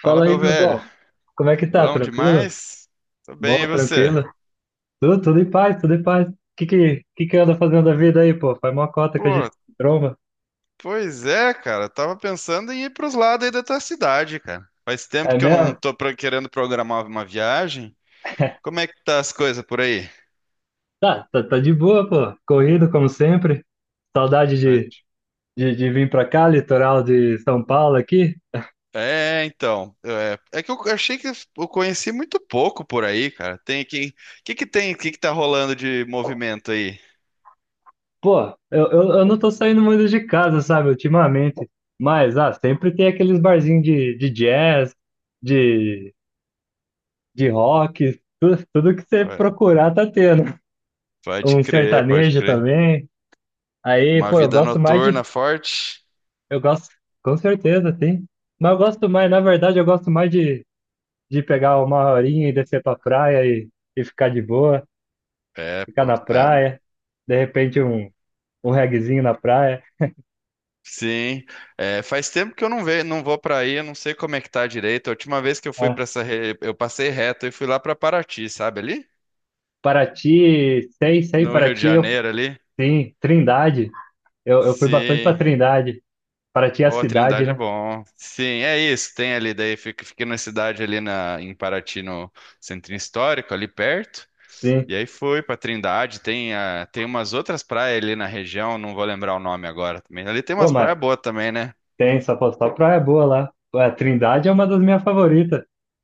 Fala, Fala aí, meu meu velho. bom. Como é que tá? Bom Tranquilo? demais? Tô Bom, bem, e você? tranquilo? Tudo em paz, tudo em paz. Que que anda fazendo da vida aí, pô? Faz mó cota que a gente Pô, se tromba. pois é, cara. Tava pensando em ir pros lados aí da tua cidade, cara. Faz É tempo que eu não mesmo? tô querendo programar uma viagem. Como é que tá as coisas por aí? Tá de boa, pô. Corrido, como sempre. Saudade Fred? de vir pra cá, litoral de São Paulo aqui. É, então. É que eu achei que eu conheci muito pouco por aí, cara. Tem aqui. O que que tem? O que que tá rolando de movimento aí? Pô, eu não tô saindo muito de casa, sabe, ultimamente. Mas, sempre tem aqueles barzinhos de jazz, de, de rock, tudo que você Pode procurar tá tendo. pode Um crer, pode sertanejo crer. também. Aí, Uma pô, eu vida gosto mais noturna de. forte. Eu gosto, com certeza, sim. Mas eu gosto mais, na verdade, eu gosto mais de pegar uma horinha e descer pra praia e ficar de boa, É, ficar pô. na É, praia. De repente, um reguezinho na praia. Sim, É, faz tempo que eu não vou para aí, eu não sei como é que tá direito. A última vez que eu fui É. para essa, eu passei reto e fui lá para Paraty, sabe ali? Paraty, sei, sei, No Rio de Paraty, Janeiro ali. sim. Trindade, eu fui bastante pra Sim, Trindade. Paraty é a ô, a cidade, Trindade é né? bom. Sim, é isso, tem ali daí, fiquei na cidade ali na, em Paraty, no Centro Histórico, ali perto. Sim. E aí fui para Trindade, tem, a, tem umas outras praias ali na região, não vou lembrar o nome agora também. Ali tem Pô, umas mas praias boas também, né? tem, só, pô, só praia boa lá. Pô, a Trindade é uma das minhas favoritas.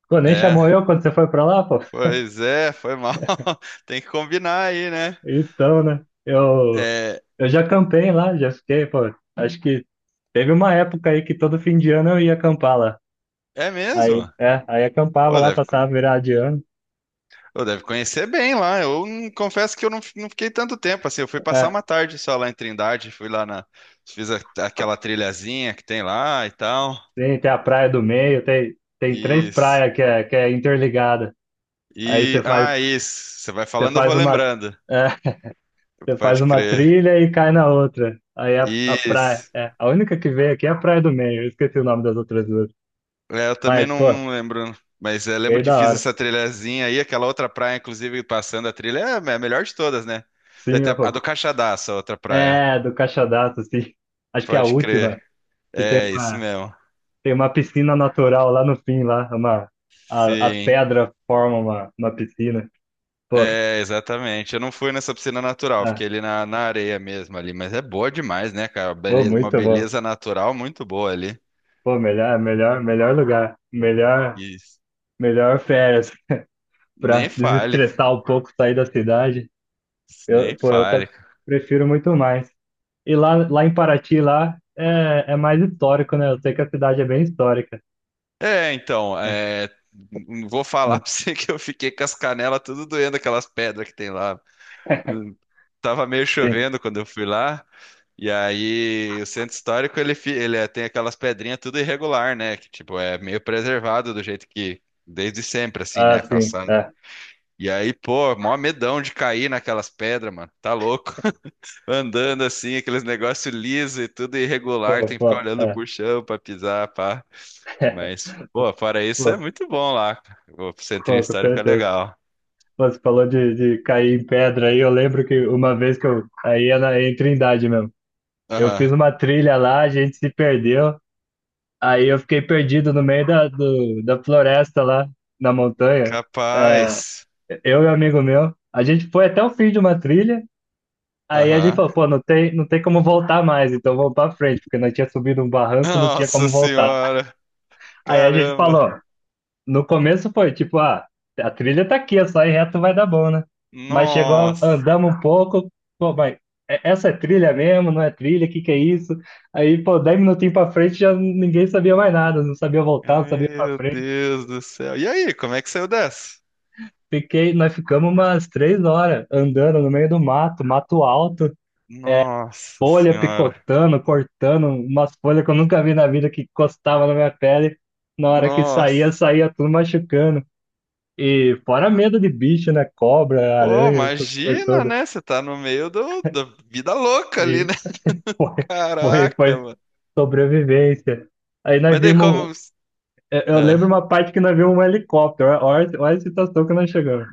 Pô, nem É, chamou eu quando você foi pra lá, pô? pois é, foi mal. Tem que combinar aí, né? Então, né? Eu, É, eu já campei lá, já fiquei, pô. Acho que teve uma época aí que todo fim de ano eu ia acampar lá. é Aí, mesmo? é, aí acampava Ô, lá, deve, co- passava virada de ano. ô, deve conhecer bem lá. Eu não- confesso que eu não fiquei tanto tempo assim. Eu fui passar É, uma tarde só lá em Trindade. Fui lá na. Fiz a- aquela trilhazinha que tem lá e tal. tem a praia do meio, tem três Isso. praias que é, interligada. Aí E. você faz, Ah, isso. Você vai você falando, eu vou faz uma. lembrando. Você faz Pode uma crer. trilha e cai na outra. Aí a praia. Isso. É, a única que veio aqui é a Praia do Meio. Eu esqueci o nome das outras duas. É, eu também Mas, não, pô, não lembro. Mas é, lembro veio que da fiz hora. essa trilhazinha aí, aquela outra praia, inclusive, passando a trilha, é a melhor de todas, né? Daí Sim, tem a eu... do Caixadaço, a outra praia. É, do Caixadaço, sim. Acho que é a Pode crer. última. Que tem É, isso uma, mesmo. tem uma piscina natural lá no fim, lá. As Sim. pedras formam uma piscina. Pô, É, exatamente. Eu não fui nessa piscina natural, ah, fiquei ali na, na areia mesmo ali, mas é boa demais, né, cara? pô, Uma muito bom. beleza natural muito boa ali. Pô, melhor, melhor, melhor lugar. Melhor, Isso. melhor férias Nem pra fale, cara. desestressar um pouco, sair da cidade. Nem Eu, pô, fale. prefiro muito mais. E lá em Paraty, lá, é mais histórico, né? Eu sei que a cidade é bem histórica. É, então, Não, é, vou falar não, pra você que eu fiquei com as canelas tudo doendo, aquelas pedras que tem lá. Hum, Tava meio sim. chovendo quando eu fui lá. E aí, o centro histórico, ele tem aquelas pedrinhas tudo irregular, né? Que, tipo, é meio preservado do jeito que, desde sempre, assim, Ah, né? sim, Calçado. é. E aí, pô, mó medão de cair naquelas pedras, mano. Tá louco. Andando assim, aqueles negócios liso e tudo Pô, irregular, tem que ficar pô, olhando é. pro chão pra pisar, pá. Mas, pô, fora isso, é Pô, muito bom lá. O centrinho pô, com histórico é certeza. legal. Pô, você falou de cair em pedra aí, eu lembro que uma vez que eu... Aí é em Trindade mesmo. Eu fiz Aham. uma trilha lá, a gente se perdeu. Aí eu fiquei perdido no meio da floresta lá, na montanha. É, Capaz. eu e um amigo meu, a gente foi até o fim de uma trilha, aí a gente Aham. falou, pô, não tem como voltar mais, então vamos pra frente, porque nós tinha subido um barranco, não tinha Nossa como voltar. senhora. Aí a gente Caramba. falou, no começo foi tipo, a trilha tá aqui, é só ir reto vai dar bom, né? Mas chegou, Nossa. andamos um pouco, pô, mas essa é trilha mesmo, não é trilha, o que que é isso? Aí, pô, 10 minutinhos pra frente já ninguém sabia mais nada, não sabia voltar, não sabia pra Meu frente. Deus do céu. E aí, como é que saiu dessa? Nós ficamos umas 3 horas andando no meio do mato, mato alto. É, Nossa folha senhora. picotando, cortando, umas folhas que eu nunca vi na vida que encostava na minha pele. Na hora que saía, Nossa. saía tudo machucando. E fora medo de bicho, né? Cobra, Pô, aranha, essas coisas imagina, todas. né? Você tá no meio do, da vida louca ali, E né? foi, foi, Caraca, foi mano. sobrevivência. Aí nós Mas daí vimos. como. Eu lembro Ah, uma parte que nós vimos um helicóptero. Olha, olha a situação que nós chegamos.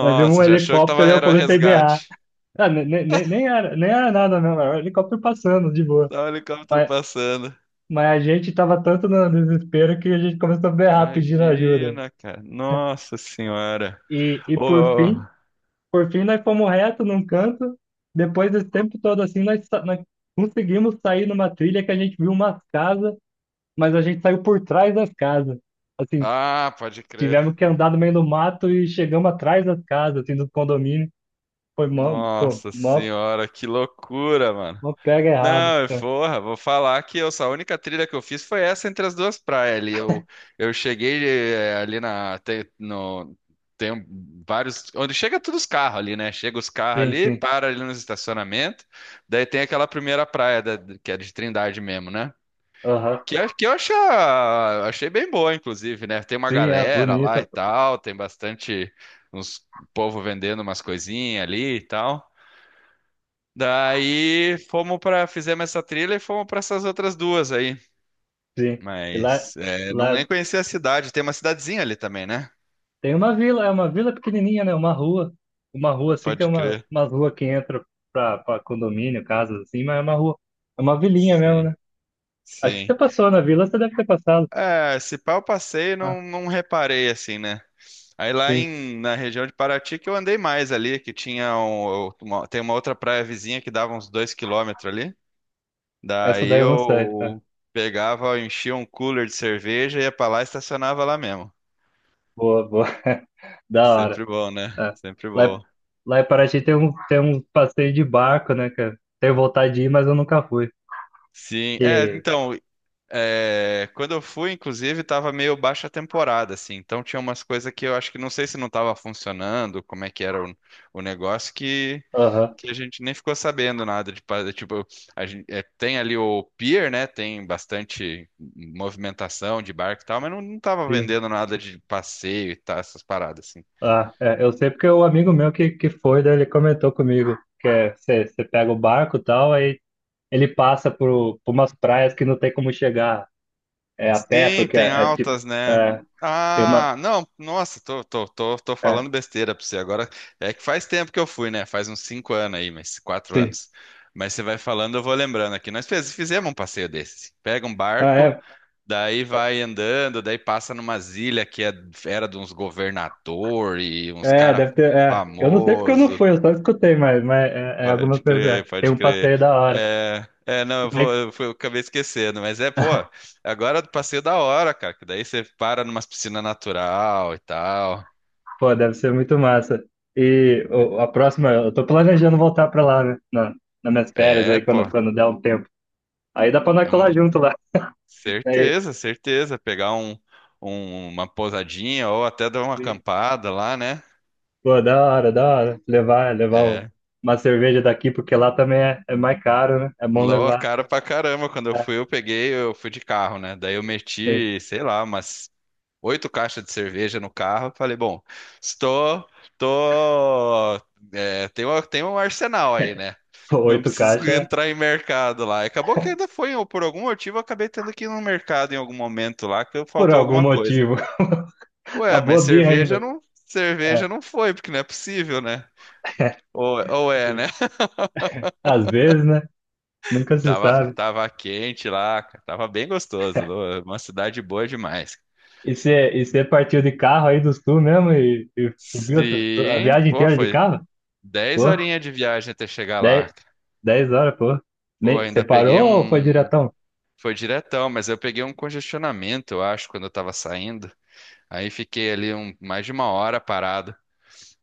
Nós vimos um já achou que tava, helicóptero e eu era o comecei a berrar. resgate. Ah, nem era, nem era nada, não. Era um helicóptero passando de boa. Tá o helicóptero passando. Mas a gente estava tanto no desespero que a gente começou a berrar pedindo ajuda. Imagina, cara. Nossa senhora. E por Ô. fim, por fim nós fomos reto num canto. Depois desse tempo todo assim, nós conseguimos sair numa trilha que a gente viu umas casas, mas a gente saiu por trás das casas. Assim, Ah, pode crer. tivemos que andar no meio do mato e chegamos atrás das casas, assim, do condomínio. Foi mó, pô, Nossa mó, senhora, que loucura, mano. mó pega errado. Não, porra, vou falar que eu, a única trilha que eu fiz foi essa entre as duas praias ali. Eu cheguei ali na. Tem, no, tem um- vários. Onde chega todos os carros ali, né? Chega os carros Sim, ali, sim. para ali nos estacionamentos. Daí tem aquela primeira praia, que é de Trindade mesmo, né? Aham. Que eu achei bem boa, inclusive, né? Tem uma Sim, é galera lá bonita, e pô. tal, tem bastante. Uns povo vendendo umas coisinhas ali e tal. Daí fomos para fizemos essa trilha e fomos para essas outras duas aí. Sim. E lá, Mas é, não lá nem conheci a cidade. Tem uma cidadezinha ali também, né? tem uma vila, é uma vila pequenininha, né? Uma rua. Uma rua assim, tem Pode crer. umas ruas que entra pra condomínio, casas assim, mas é uma rua. É uma vilinha mesmo, Sim, né? Acho que sim. você passou na vila, você deve ter passado. É, se pá, eu passei e Ah, não reparei assim, né? Aí lá sim. em, na região de Paraty que eu andei mais ali, que tinha tem uma outra praia vizinha que dava uns 2 quilômetros ali. Essa Daí daí eu não sei. É. eu pegava, enchia um cooler de cerveja, ia pra lá e estacionava lá mesmo. Boa, boa. Da hora. Sempre bom, né? É. Sempre Lá, em- bom. lá em Paraty tem um passeio de barco, né, cara? Tenho vontade de ir, mas eu nunca fui. Sim, é, Que... então, é, quando eu fui, inclusive, tava meio baixa temporada, assim, então tinha umas coisas que eu acho que não sei se não tava funcionando, como é que era o negócio, que, Aham, que a gente nem ficou sabendo nada, tipo, a gente, tem ali o pier, né, tem bastante movimentação de barco e tal, mas não tava sim. vendendo nada de passeio e tal, essas paradas, assim. Ah, é, eu sei porque o amigo meu que foi, daí ele comentou comigo que é, você pega o barco e tal, aí ele passa por umas praias que não tem como chegar a pé, Sim, porque tem é tipo. altas, né? É, tem uma. Ah, não, nossa, tô É, falando besteira pra você agora. É que faz tempo que eu fui, né? Faz uns 5 anos aí, mas quatro sim. anos. Mas você vai falando, eu vou lembrando aqui. Nós fizemos um passeio desse. Pega um Ah, barco, é, daí vai andando, daí passa numa ilha que era de uns governador e uns cara deve ter. É. Eu não sei porque eu não famoso. fui, eu só escutei, mas é, algumas Pode coisas. É. crer, Tem pode um crer. passeio da hora. É, não, eu Ai, vou, eu fui- eu acabei esquecendo, mas é, pô, agora eu passei da hora, cara, que daí você para numa piscina natural e tal. pô, deve ser muito massa. E a próxima, eu tô planejando voltar pra lá, né? Nas minhas férias É, aí, pô, quando der um tempo. Aí dá pra nós é colar um- junto lá. Aí, certeza, certeza, pegar uma pousadinha ou até dar uma e, acampada lá, né? pô, da hora, da hora. Levar É, uma cerveja daqui, porque lá também é mais caro, né? É bom lou, levar. cara pra caramba, quando eu É, fui, eu peguei, eu fui de carro, né? Daí eu sim. meti, sei lá, umas 8 caixas de cerveja no carro. Falei, bom, estou, tô, é, tem uma- tem um arsenal aí, né? Não Oito preciso caixas entrar em mercado lá. Acabou que ainda foi, ou por algum motivo, eu acabei tendo que ir no mercado em algum momento lá, que por faltou algum alguma coisa. motivo. Ué, Acabou mas a birra ainda. É. cerveja não foi, porque não é possível, né? Ou é, né? E, às vezes, né? Nunca se Tava, sabe. tava quente lá, cara, tava bem gostoso. Uma cidade boa demais. E você partiu de carro aí do sul mesmo e subiu a Sim, viagem pô, inteira de foi carro? dez Pô, horinhas de viagem até chegar 10 lá. 10 horas, pô. Pô, Nem, você ainda peguei parou ou foi um. diretão? Foi diretão, mas eu peguei um congestionamento, eu acho, quando eu tava saindo. Aí fiquei ali mais de 1 hora parado.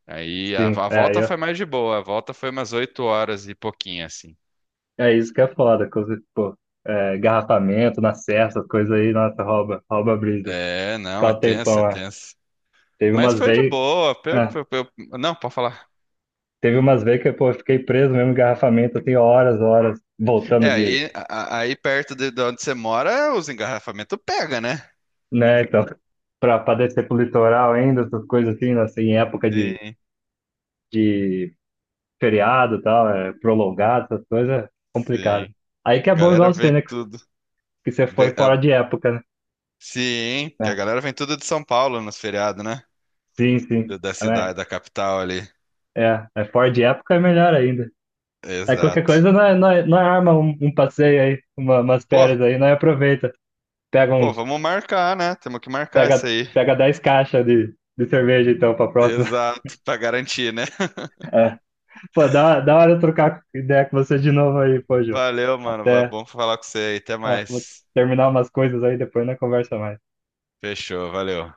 Aí a, Sim, a aí, volta ó. foi mais de boa, a volta foi umas 8 horas e pouquinho, assim. É isso que é foda. Pô, garrafamento na serra, essas coisas aí, nossa, rouba a brisa. É, não, Ficar é o tenso, é tempão, é. tenso. Teve Mas umas foi de vezes. boa. Não, pode falar. Teve umas vezes Que pô, eu fiquei preso mesmo em engarrafamento, assim, horas, horas, voltando É, de, aí, aí perto de, onde você mora, os engarrafamentos pega, né? né, então, pra descer pro litoral ainda, essas coisas assim, né, assim, em época de, Sim, de feriado e tal, é, prolongado, essas coisas, é complicado. sim. Aí que é bom Galera igual você, vem né, que tudo. que você Vem, foi fora ah, de época, né? sim, que a É. galera vem tudo de São Paulo nos feriados, né? Sim, sim, da é, né? cidade, da capital ali. É fora de época é melhor ainda. Aí qualquer Exato. coisa não é arma um passeio aí, umas Pô, férias aí, não é, aproveita, pega pô, uns, vamos marcar, né? Temos que marcar pega, isso aí. pega 10 caixas de cerveja então pra próxima. Exato, pra garantir, né? É. Pô, dá da hora eu trocar ideia com você de novo aí, pô, Jô. Valeu, mano. Até, Bom falar com você aí. Até é, vou mais. terminar umas coisas aí, depois na conversa mais. Fechou, valeu.